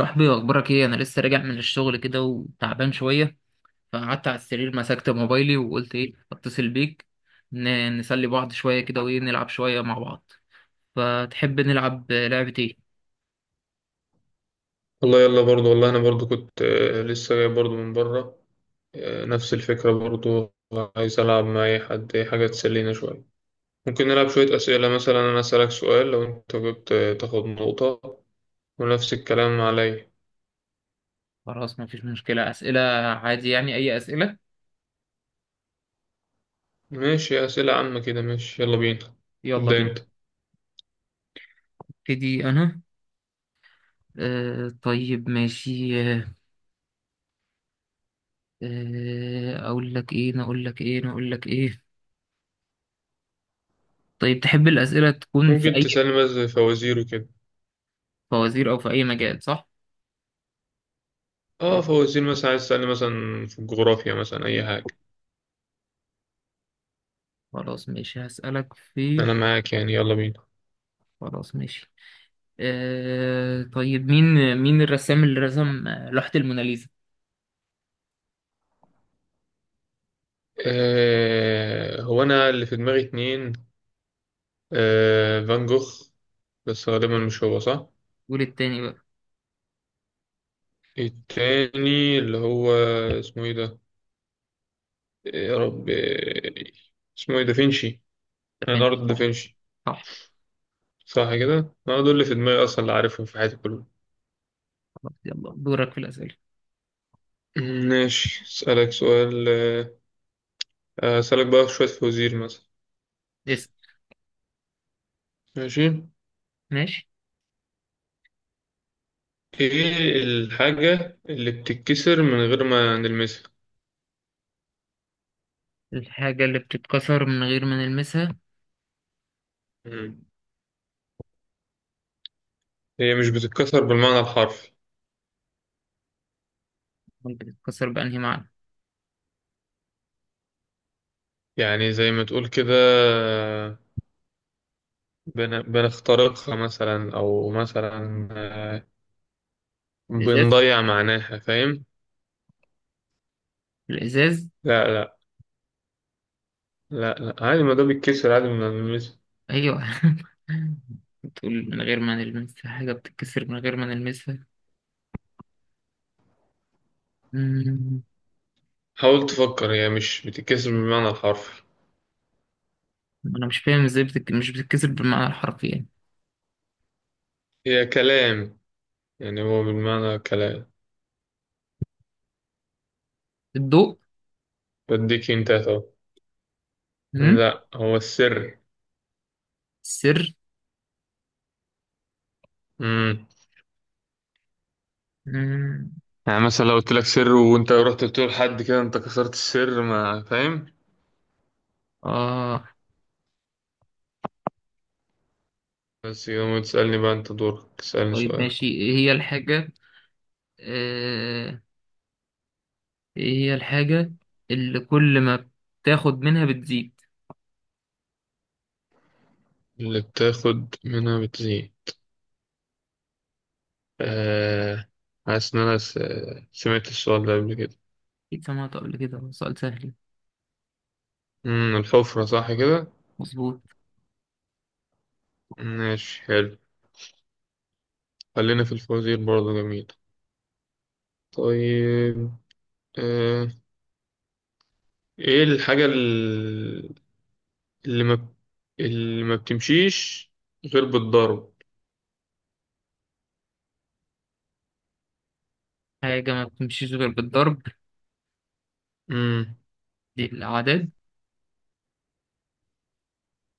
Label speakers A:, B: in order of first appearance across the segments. A: صاحبي، واخبارك ايه؟ انا لسه راجع من الشغل كده وتعبان شويه. فقعدت على السرير، مسكت موبايلي وقلت ايه، اتصل بيك. نسلي بعض شويه كده، وايه، نلعب شويه مع بعض. فتحب نلعب لعبه ايه؟
B: والله، يلا برضو. والله انا برضو كنت لسه جاي برضو من بره. آه، نفس الفكرة برضو. عايز العب مع اي حد، اي حاجة تسلينا شوية. ممكن نلعب شوية اسئلة، مثلا انا اسألك سؤال، لو انت جبت تاخد نقطة. ونفس الكلام عليا.
A: خلاص، مفيش مشكله، اسئله. عادي يعني اي اسئله.
B: ماشي، اسئلة عامة كده. ماشي يلا بينا.
A: يلا
B: ابدأ
A: بينا.
B: انت.
A: ابتدي انا. آه، طيب ماشي. آه آه، اقول لك ايه؟ طيب، تحب الاسئله تكون في
B: ممكن
A: اي؟
B: تسألني مثلا فوازير وكده.
A: فوازير او في اي مجال، صح؟
B: اه،
A: آه،
B: فوازير مثلا. عايز تسألني مثلا في الجغرافيا مثلا اي حاجة.
A: خلاص ماشي هسألك في.
B: انا معاك، يعني يلا بينا.
A: خلاص، ماشي. آه، طيب، مين الرسام اللي رسم لوحة الموناليزا؟
B: هو انا اللي في دماغي اتنين. آه، فان جوخ. بس غالبا مش هو، صح؟
A: قول التاني بقى.
B: التاني اللي هو اسمه ايه ده؟ يا رب اسمه ايه؟ دافنشي.
A: ده فين؟
B: ليوناردو
A: صح.
B: دافنشي.
A: صح.
B: صح كده. انا دول اللي في دماغي اصلا، اللي عارفهم في حياتي كلهم.
A: خلاص، يلا دورك في الأسئلة.
B: ماشي، اسالك سؤال. اسالك بقى شويه فوازير مثلا.
A: اسأل.
B: ماشي.
A: ماشي.
B: ايه الحاجه اللي بتتكسر من غير ما نلمسها؟
A: الحاجة اللي بتتكسر من غير ما نلمسها؟
B: مم. هي مش بتتكسر بالمعنى الحرفي.
A: أمال بتتكسر بأنهي معنى؟
B: يعني زي ما تقول كده، بنخترقها مثلا، او مثلا
A: الإزاز،
B: بنضيع معناها، فاهم؟
A: الإزاز.
B: لا، لا. لا، لا، عادي، ما ده بيتكسر عادي ما بنلمسه.
A: أيوه. بتقول من غير ما نلمسها، حاجة بتتكسر من غير ما نلمسها؟ مم،
B: حاول تفكر، هي مش بتتكسر بالمعنى الحرفي.
A: أنا مش فاهم إزاي مش بتتكسر بالمعنى الحرفي يعني.
B: هي كلام. يعني هو بالمعنى كلام.
A: الضوء.
B: بديك انت اهو.
A: مم،
B: لا، هو السر.
A: السر.
B: امم.
A: مم،
B: يعني مثلا لو قلت لك سر وانت رحت بتقول لحد، كده انت كسرت السر. ما فاهم؟
A: آه
B: بس يوم تسألني بقى، انت دورك تسألني
A: طيب
B: سؤال.
A: ماشي، ايه هي الحاجة؟ آه، ايه هي الحاجة اللي كل ما بتاخد منها بتزيد؟
B: اللي بتاخد منها بتزيد؟ آه. حاسس إن أنا سمعت السؤال ده قبل كده.
A: اكيد سمعت قبل كده، هو سؤال سهل.
B: الحفرة، صح كده؟
A: مظبوط.
B: ماشي حلو. خلينا في الفوازير برضه. جميل. طيب. آه إيه الحاجة اللي ما اللي ما بتمشيش غير بالضرب؟
A: حاجة ما بتمشيش غير بالضرب؟
B: مم.
A: دي الأعداد.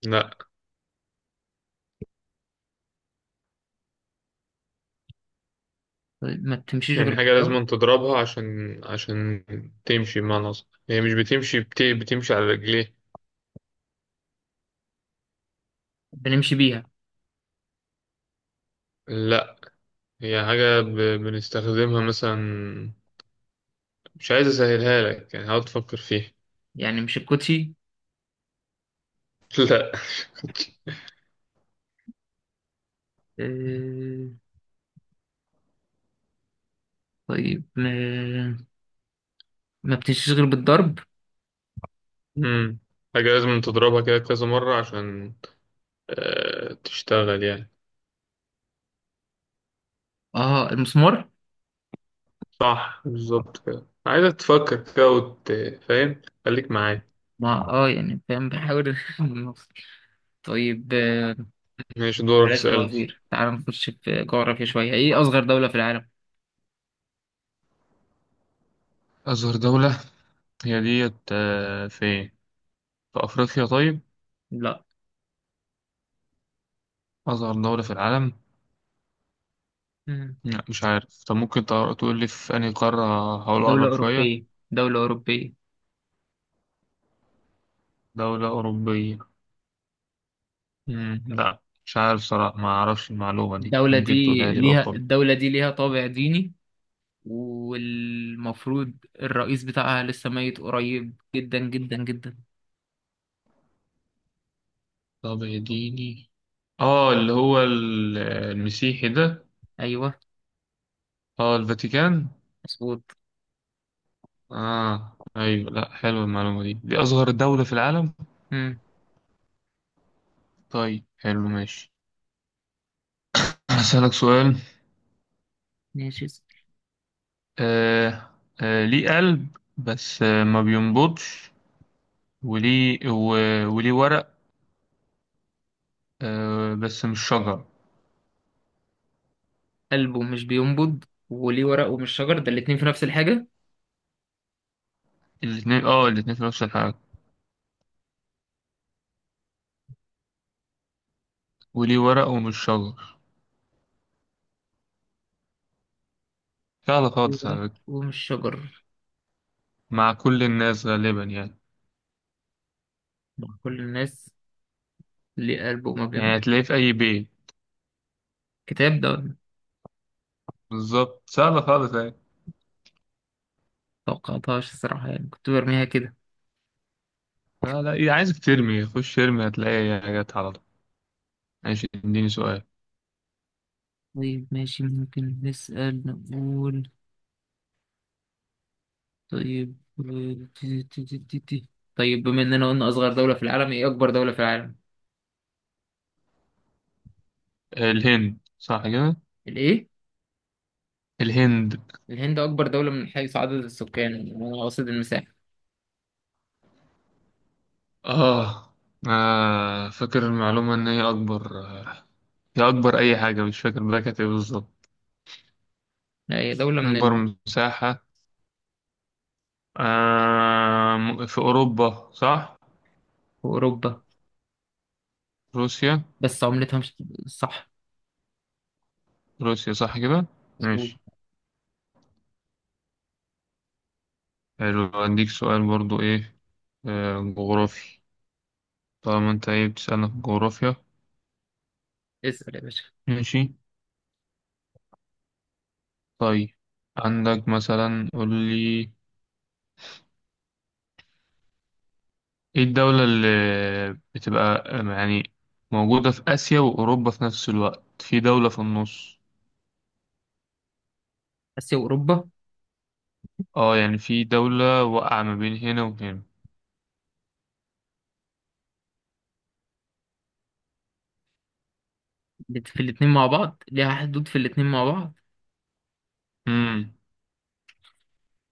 B: لا.
A: طيب، ما بتمشيش غير
B: يعني حاجة
A: بالضرب.
B: لازم تضربها عشان تمشي، بمعنى أصح هي مش بتمشي، بتمشي على رجليه.
A: بنمشي بيها؟
B: لا. هي حاجة بنستخدمها مثلا. مش عايز اسهلها لك، يعني هقعد تفكر فيها.
A: يعني مش الكوتشي؟
B: لا.
A: آه، طيب، ما بتمشيش غير بالضرب.
B: امم. حاجة لازم تضربها كده كذا مرة عشان تشتغل يعني.
A: اه، المسمار.
B: صح بالظبط كده. عايزك تفكر كده فاهم، خليك معايا.
A: ما يعني فاهم، بحاول نوصل. طيب. آه،
B: ماشي، دورك
A: بلاش
B: اسألني.
A: فوازير، تعال نخش في جغرافيا شوية. ايه أصغر دولة في العالم؟
B: أصغر دولة، هي ديت فين؟ في أفريقيا؟ طيب.
A: لا.
B: أصغر دولة في العالم؟
A: مم.
B: لا مش عارف. طب ممكن تقول لي في أنهي قارة؟ هحاول
A: دولة
B: أقرب شوية.
A: أوروبية، دولة أوروبية.
B: دولة أوروبية؟ مم. لا مش عارف صراحة، ما أعرفش المعلومة دي.
A: الدولة
B: ممكن
A: دي
B: تقولها لي بقى؟
A: الدولة دي ليها طابع ديني، والمفروض الرئيس بتاعها لسه ميت قريب، جدا جدا جدا.
B: طب اديني. اه، اللي هو المسيحي ده؟
A: أيوه.
B: اه، الفاتيكان.
A: مظبوط.
B: اه، ايوه، لا حلوه المعلومه دي. دي اصغر دولة في العالم.
A: مم.
B: طيب حلو ماشي. هسألك سؤال.
A: ماشي.
B: آه ليه قلب، بس ما بينبضش، وليه ورق، بس مش شجر؟
A: قلبه مش بينبض؟ وليه ورق ومش شجر، ده الاتنين في نفس الحاجة؟
B: الاتنين في نفس الحاجة، وليه ورق ومش شجر. سهلة
A: ليه
B: خالص
A: ورق
B: على فكرة.
A: ومش شجر؟
B: مع كل الناس غالبا يعني.
A: ده كل الناس؟ ليه قلبه وما بينبض؟
B: يعني هتلاقيه في أي بيت.
A: كتاب ده ولا؟
B: بالظبط، سهلة خالص يعني.
A: متوقعتهاش الصراحة، يعني كنت برميها كده.
B: آه، لا عايزك ترمي. خش ارمي هتلاقي جت على طول. ماشي، اديني سؤال.
A: طيب ماشي، ممكن نسأل. نقول. طيب. آه، تي- تي- تي- تي- تي. طيب، بما اننا قلنا اصغر دولة في العالم، ايه اكبر دولة في العالم؟
B: الهند، صح كده؟
A: الايه؟
B: الهند.
A: الهند اكبر دولة من حيث عدد السكان، واقصد المساحة.
B: آه. فاكر المعلومة إن هي أكبر، هي أكبر أي حاجة، مش فاكر بقى كانت إيه بالظبط.
A: لا، هي دولة من
B: أكبر
A: ال...
B: مساحة. في أوروبا صح؟
A: في اوروبا.
B: روسيا.
A: بس عملتها مش صح.
B: روسيا، صح كده؟
A: مظبوط.
B: ماشي حلو. أديك سؤال برضو. جغرافي. طالما أنت بتسألنا في الجغرافيا.
A: اسأل يا باشا.
B: ماشي. طيب. عندك مثلا، قول لي. ايه الدولة اللي بتبقى يعني موجودة في آسيا وأوروبا في نفس الوقت؟ في دولة في النص.
A: اسيا واوروبا؟
B: اه، يعني في دولة واقعة ما بين هنا وهنا.
A: في الاتنين مع بعض، ليها حدود في الاتنين مع بعض؟
B: امم.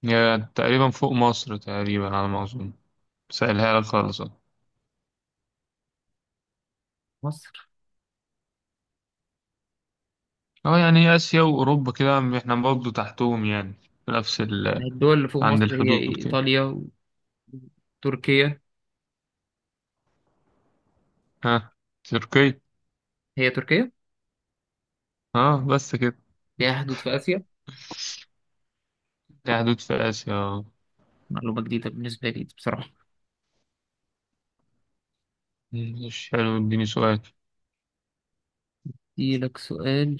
B: هي تقريبا فوق مصر تقريبا على ما أظن. سألها لك خالص، اه.
A: مصر؟
B: يعني آسيا وأوروبا كده احنا برضه تحتهم يعني، في نفس
A: الدول اللي فوق
B: عند
A: مصر هي
B: الحدود
A: إيه؟
B: كده.
A: ايطاليا، وتركيا.
B: ها. تركيا؟
A: هي تركيا؟
B: اه، بس كده؟
A: ليها حدود في اسيا؟
B: دي حدود في آسيا، اه.
A: معلومة جديدة بالنسبة لي دي بصراحة.
B: مش حلو، اديني سؤال.
A: دي لك سؤال.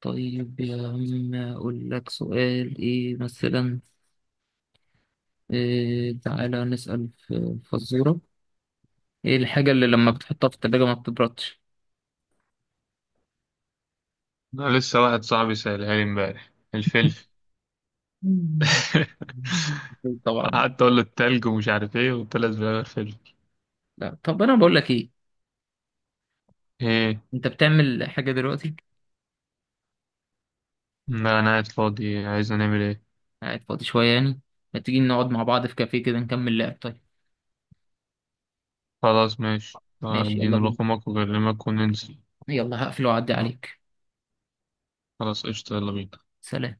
A: طيب يا عم، أقول لك سؤال إيه مثلا. إيه، تعالى نسأل في فزورة. إيه الحاجة اللي لما بتحطها في التلاجة ما بتبردش؟
B: أنا لسه واحد صاحبي سألها لي امبارح. الفلفل.
A: مم. أكيد طبعا.
B: قعدت اقول له التلج ومش عارف ايه، وطلع في الاخر فيلم.
A: لا طب، أنا بقول لك إيه.
B: ايه؟
A: أنت بتعمل حاجة دلوقتي؟
B: لا، انا قاعد فاضي. عايز نعمل ايه؟
A: قاعد فاضي شوية يعني؟ ما تيجي نقعد مع بعض في كافيه كده نكمل لعب؟ طيب.
B: خلاص، ماشي.
A: ماشي، يلا
B: اديني
A: بينا.
B: رقمك واكلمك وننزل.
A: يلا هقفل وأعدي عليك.
B: خلاص، قشطة، يلا بينا.
A: سلام.